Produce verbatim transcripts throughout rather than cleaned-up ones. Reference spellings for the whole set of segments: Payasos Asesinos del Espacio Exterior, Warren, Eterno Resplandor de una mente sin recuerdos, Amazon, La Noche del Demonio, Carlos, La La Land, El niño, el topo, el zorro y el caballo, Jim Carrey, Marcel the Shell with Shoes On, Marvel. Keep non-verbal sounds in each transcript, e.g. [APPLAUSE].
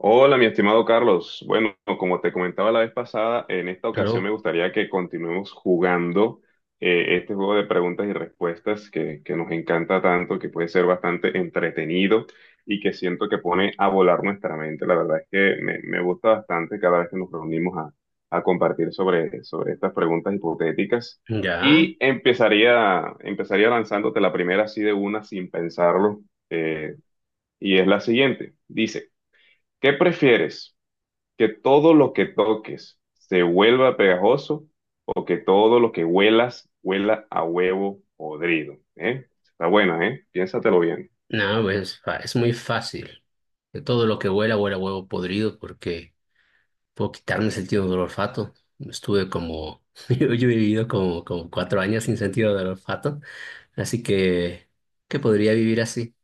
Hola, mi estimado Carlos. Bueno, como te comentaba la vez pasada, en esta ocasión me Pero, gustaría que continuemos jugando eh, este juego de preguntas y respuestas que, que nos encanta tanto, que puede ser bastante entretenido y que siento que pone a volar nuestra mente. La verdad es que me, me gusta bastante cada vez que nos reunimos a, a compartir sobre, sobre estas preguntas hipotéticas. ya, Y empezaría, empezaría lanzándote la primera así de una sin pensarlo, eh, y es la siguiente. Dice, ¿qué prefieres? Que todo lo que toques se vuelva pegajoso o que todo lo que huelas huela a huevo podrido, ¿eh? Está buena, ¿eh? Piénsatelo bien. no, pues, fa- es muy fácil. De todo lo que huela, huela a huevo podrido porque puedo quitarme el sentido del olfato. Estuve como, [LAUGHS] yo, yo he vivido como, como cuatro años sin sentido del olfato, así que, ¿qué podría vivir así?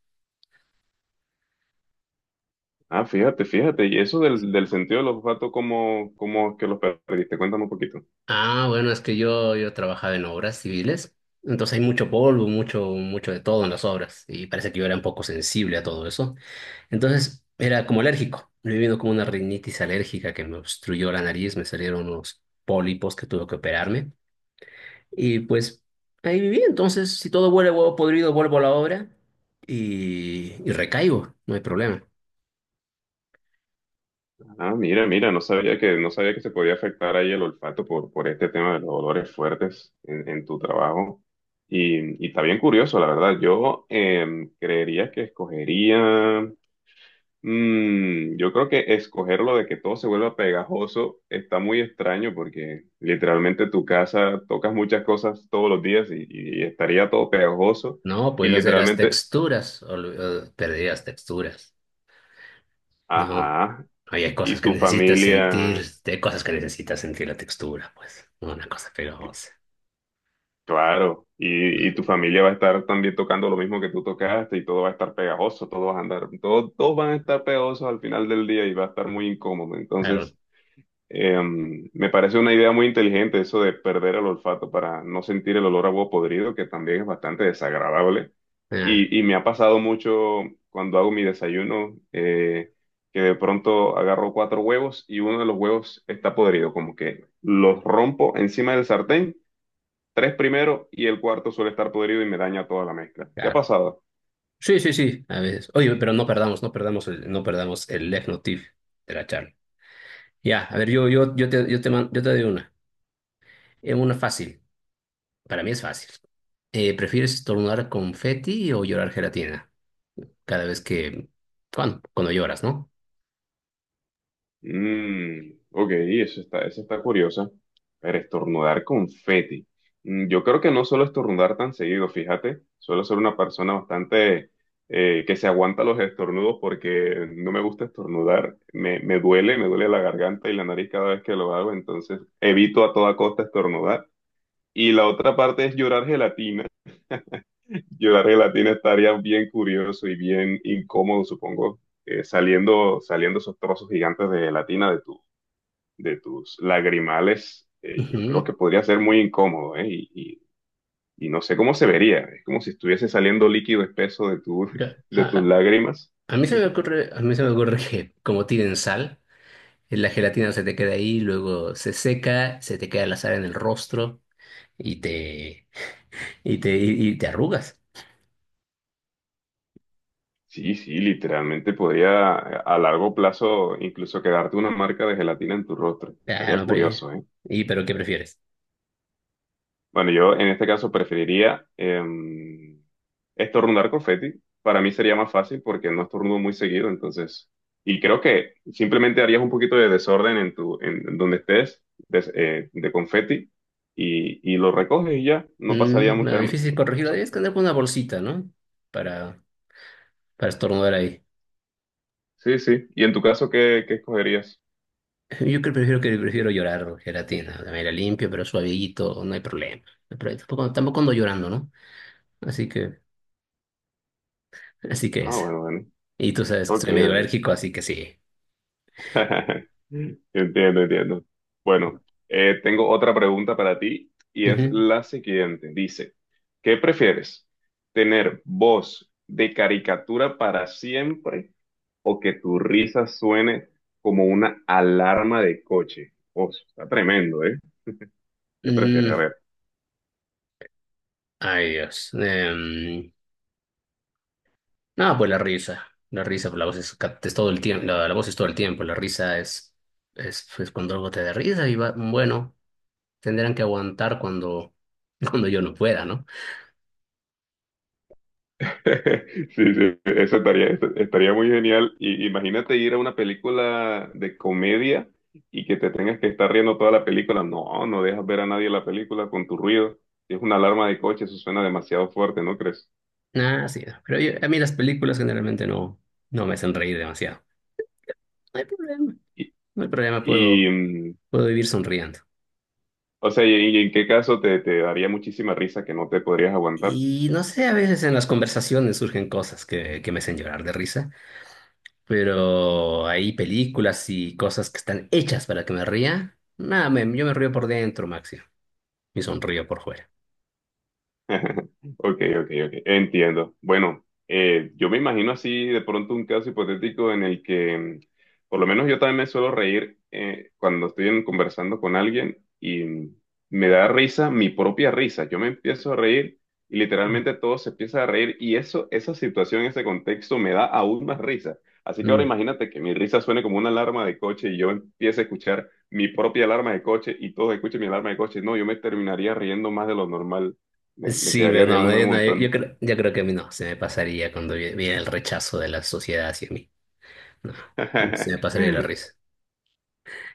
Ah, fíjate, fíjate. Y eso del, del sentido del olfato, ¿cómo, cómo es que lo perdiste? Cuéntame un poquito. Ah, bueno, es que yo, yo trabajaba en obras civiles, entonces hay mucho polvo, mucho, mucho de todo en las obras y parece que yo era un poco sensible a todo eso. Entonces era como alérgico. Me vino como una rinitis alérgica que me obstruyó la nariz, me salieron unos pólipos que tuve que operarme. Y pues ahí viví. Entonces, si todo huele a huevo podrido, vuelvo a la obra y, y recaigo, no hay problema. Ah, mira, mira, no sabía que, no sabía que se podía afectar ahí el olfato por, por este tema de los olores fuertes en, en tu trabajo. Y, y está bien curioso, la verdad. Yo em, creería que escogería. Mm, yo creo que escoger lo de que todo se vuelva pegajoso está muy extraño porque literalmente tu casa tocas muchas cosas todos los días y, y estaría todo pegajoso No, y pues hacer las literalmente, texturas, ol- eh, perdí las texturas. No, ajá, ahí hay y cosas que tu necesitas sentir, familia, hay cosas que necesitas sentir la textura, pues, una cosa pegajosa. claro, y, y tu familia va a estar también tocando lo mismo que tú tocaste y todo va a estar pegajoso, todo va a andar, todo, todos van a estar pegajosos al final del día y va a estar muy incómodo. Claro, Entonces... Eh, me parece una idea muy inteligente eso de perder el olfato para no sentir el olor a huevo podrido, que también es bastante desagradable. ah, Y, y me ha pasado mucho cuando hago mi desayuno, eh, que de pronto agarro cuatro huevos y uno de los huevos está podrido, como que los rompo encima del sartén, tres primero y el cuarto suele estar podrido y me daña toda la mezcla. ¿Te ha claro. pasado? Sí, sí, sí, a veces. Oye, pero no perdamos, no perdamos el, no perdamos el left tip de la charla. Ya, a ver, yo, yo, yo te, yo te, man- yo te doy una. Es una fácil. Para mí es fácil. Eh, ¿prefieres estornudar confeti o llorar gelatina? Cada vez que, cuando, cuando lloras, ¿no? Mm, ok, eso está, eso está curiosa. Pero estornudar confeti. Mm, yo creo que no suelo estornudar tan seguido, fíjate. Suelo ser una persona bastante eh, que se aguanta los estornudos porque no me gusta estornudar. Me, me duele, me duele la garganta y la nariz cada vez que lo hago, entonces evito a toda costa estornudar. Y la otra parte es llorar gelatina. Llorar gelatina estaría bien curioso y bien incómodo, supongo, eh, saliendo, saliendo esos trozos gigantes de gelatina de tu de tus lagrimales, eh, yo creo Ujú. que podría ser muy incómodo, ¿eh? Y, y- y no sé cómo se vería, es como si estuviese saliendo líquido espeso de tu, Ca- [LAUGHS] A, de tus a- lágrimas. a mí se me [LAUGHS] ocurre, a mí se me ocurre que como tienen sal, eh, la gelatina se te queda ahí, luego se seca, se te queda la sal en el rostro y te, y te, y y te arrugas. Sí, sí, literalmente podría a a largo plazo incluso quedarte una marca de gelatina en tu rostro. Ah, Estaría no, pero... curioso, ¿eh? ¿Y pero qué prefieres? Bueno, yo en este caso preferiría em, estornudar confeti. Para mí sería más fácil porque no estornudo muy seguido, entonces. Y creo que simplemente harías un poquito de desorden en tu, en, en donde estés, des- eh, de, confeti, y, y lo recoges y ya, no pasaría Mm, me da mucha, difícil mucha corregirlo. cosa. Debes andar con una bolsita, ¿no? Para, para estornudar ahí. Sí, sí. ¿Y en tu caso qué, qué escogerías? [LAUGHS] Yo creo prefiero que prefiero llorar gelatina. De manera limpio, pero suavito, no hay problema. No, pero tampoco, tampoco ando llorando, ¿no? Así que, así que Ah, es. bueno, bueno. Y tú sabes que Ok, soy medio ok. alérgico, así que sí. [LAUGHS] Entiendo, entiendo. Bueno, eh, tengo otra pregunta para ti y es Ujú. la siguiente. Dice, ¿qué prefieres? ¿Tener voz de caricatura para siempre o que tu risa suene como una alarma de coche? Oh, está tremendo, ¿eh? ¿Qué prefieres? A Mm, ver. ay, Dios. Em, no, pues la risa. La risa, pues la voz es, ca- es todo el tiempo. La, la voz es todo el tiempo. La risa es, es, pues, cuando algo te da risa y va, bueno. Tendrán que aguantar cuando, [LAUGHS] cuando yo no pueda, ¿no? [LAUGHS] Sí, sí, eso estaría, estaría muy genial. Y imagínate ir a una película de comedia y que te tengas que estar riendo toda la película. No, no dejas ver a nadie la película con tu ruido. Si es una alarma de coche, eso suena demasiado fuerte, ¿no crees? Ah, sí, no. Pero yo- a mí las películas generalmente no, no me hacen reír demasiado. No hay problema, Y, no hay problema, y puedo, mm, puedo vivir sonriendo. o sea, ¿y, y en qué caso te, te daría muchísima risa que no te podrías aguantar? Y no sé, a veces en las conversaciones surgen cosas que, que me hacen llorar de risa, pero hay películas y cosas que están hechas para que me ría. Nada, me- yo me río por dentro, Maxi, y sonrío por fuera. [LAUGHS] Ok, ok, ok, entiendo. Bueno, eh, yo me imagino así de pronto un caso hipotético en el que, mm, por lo menos yo también me suelo reír eh, cuando estoy en- conversando con alguien y mm, me da risa mi propia risa. Yo me empiezo a reír y literalmente todo se empieza a reír y eso, esa situación, ese contexto me da aún más risa. Así que ahora Mm. imagínate que mi risa suene como una alarma de coche y yo empiece a escuchar mi propia alarma de coche y todos escuchen mi alarma de coche. No, yo me terminaría riendo más de lo normal, me, me Sí, quedaría pero no, no, riéndome yo, un no, yo- yo montón. creo, yo creo que a mí no, se me pasaría cuando vi- viene el rechazo de la sociedad hacia mí. No, se me pasaría la [LAUGHS] risa.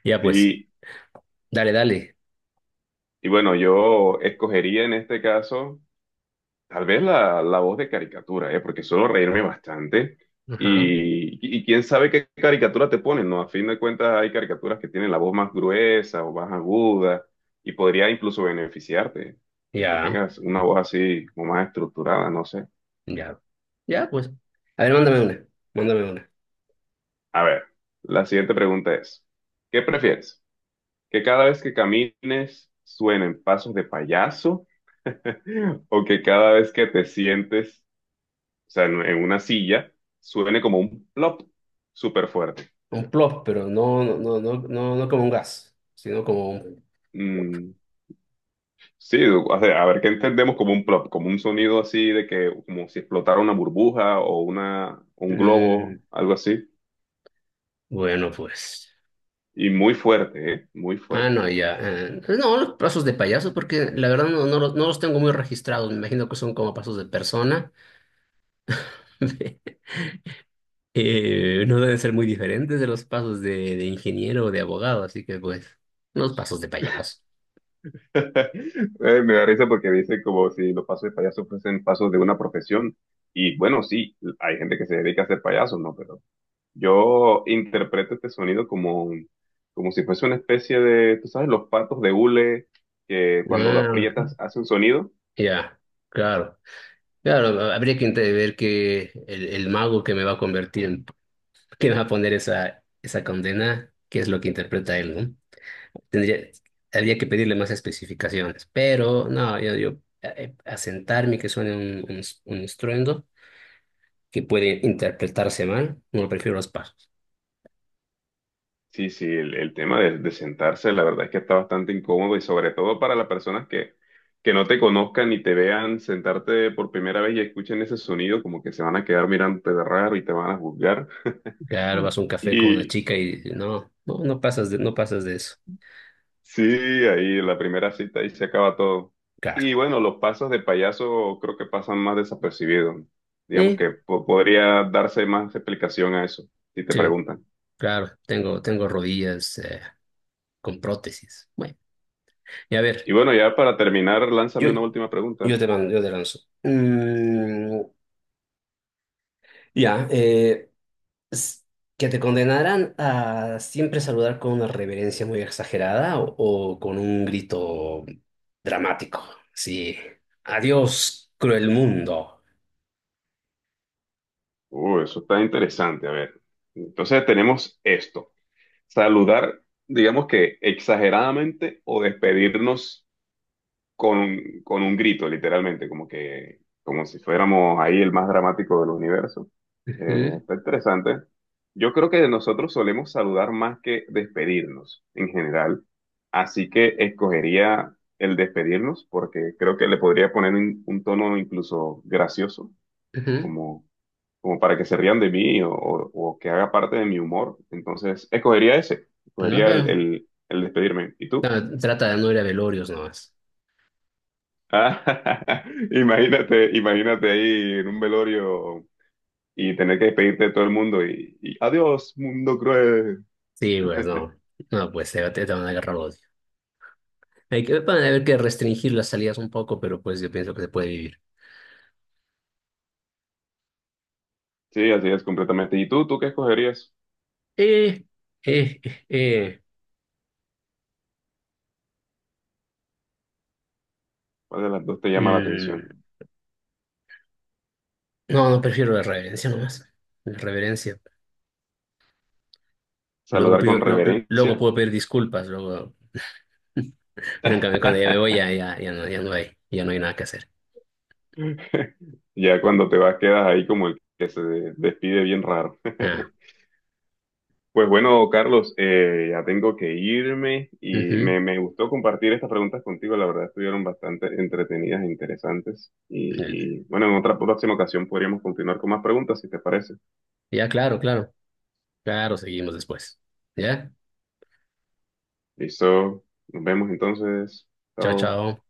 Ya pues, Y, dale, dale. y bueno, yo escogería en este caso tal vez la, la voz de caricatura, ¿eh? Porque suelo reírme bastante. Ajá, Y, y, quién sabe qué caricatura te ponen, ¿no? A fin de cuentas hay caricaturas que tienen la voz más gruesa o más aguda y podría incluso beneficiarte de que ya, tengas una voz así como más estructurada, no sé. ya. Ya pues. A ver, mándame una, mándame una. A ver, la siguiente pregunta es, ¿qué prefieres? ¿Que cada vez que camines suenen pasos de payaso? [LAUGHS] ¿O que cada vez que te sientes, o sea, en, en una silla, suene como un plop súper fuerte? Un plop, pero no, no, no, no, no, no como un gas, sino como un... Mm, sí, o sea, a ver qué entendemos como un plop, como un sonido así de que, como si explotara una burbuja o una, un Mm, globo, algo así. bueno, pues. Y muy fuerte, ¿eh? Muy Ah, fuerte. no, ya. eh, no, los pasos de payaso, porque la verdad no, no los, no los tengo muy registrados. Me imagino que son como pasos de persona. [LAUGHS] Eh, no deben ser muy diferentes de los pasos de, de ingeniero o de abogado, así que pues, unos pasos de payaso. [LAUGHS] Eh, me da risa porque dice como si los pasos de payaso fuesen pasos de una profesión. Y bueno, sí, hay gente que se dedica a ser payaso, ¿no? Pero yo interpreto este sonido como, un- como si fuese una especie de, tú sabes, los patos de hule que cuando lo Ah, aprietas hace un sonido. ya, claro. Claro, habría que inte- ver que el, el mago que me va a convertir en, que me va a poner esa, esa condena, qué es lo que interpreta él, ¿no? Tendría, habría que pedirle más especificaciones, pero no, yo, yo eh, asentarme que suene un, un, un estruendo que puede interpretarse mal, no prefiero los pasos. Sí, sí, el, el tema de, de sentarse, la verdad es que está bastante incómodo y sobre todo para las personas que, que no te conozcan y te vean sentarte por primera vez y escuchen ese sonido, como que se van a quedar mirándote de raro y te van a juzgar. Claro, vas [LAUGHS] a un café con una Y, chica y no, no, no pasas de, no pasas de eso. sí, ahí la primera cita, ahí se acaba todo. Claro. Y bueno, los pasos de payaso creo que pasan más desapercibidos. Digamos Eh, que po- podría darse más explicación a eso, si te sí, preguntan. claro, tengo, tengo rodillas eh, con prótesis. Bueno, y a ver, Y bueno, ya para terminar, yo, lánzame una última pregunta. yo te mando, yo te lanzo. Mm, ya, eh, s- que te condenaran a siempre saludar con una reverencia muy exagerada o, o con un grito dramático. Sí. Adiós, cruel mundo. Uh, eso está interesante, a ver. Entonces tenemos esto, saludar, digamos que exageradamente o despedirnos con, con un grito, literalmente, como que, como si fuéramos ahí el más dramático del universo. Eh, Ujú, está interesante. Yo creo que nosotros solemos saludar más que despedirnos en general, así que escogería el despedirnos porque creo que le podría poner un, un tono incluso gracioso, ujú. como, como para que se rían de mí o, o- o que haga parte de mi humor. Entonces, escogería ese, No, escogería el, bueno. el, el despedirme. ¿Y No, tú? trata de no ir a velorios nomás. Ah, [LAUGHS] imagínate, imagínate ahí en un velorio y tener que despedirte de todo el mundo y, y adiós, mundo cruel. Sí, pues no. No, pues te, te van a agarrar odio. Hay que, van a haber que restringir las salidas un poco, pero pues yo pienso que se puede vivir. Sí, así es completamente. ¿Y tú, tú qué escogerías? Eh, eh, eh, eh. ¿Cuál de las dos te llama la Mm, atención? no, no prefiero la reverencia nomás. La reverencia. Luego ¿Saludar pido, con lo- luego reverencia? puedo pedir disculpas, luego. Pero en cambio, cuando ya me voy, ya, ya, ya no, ya no hay, ya no hay nada que hacer. [LAUGHS] Ya cuando te vas quedas ahí como el que se despide bien raro. Ah, [LAUGHS] Pues bueno, Carlos, eh, ya tengo que irme y ujú. me, me gustó compartir estas preguntas contigo. La verdad, estuvieron bastante entretenidas e interesantes. Y, y bueno, en otra próxima ocasión podríamos continuar con más preguntas, si te parece. Ya, claro, claro. Claro, seguimos después. ¿Ya? Listo, nos vemos entonces. Chao, Chao. chao.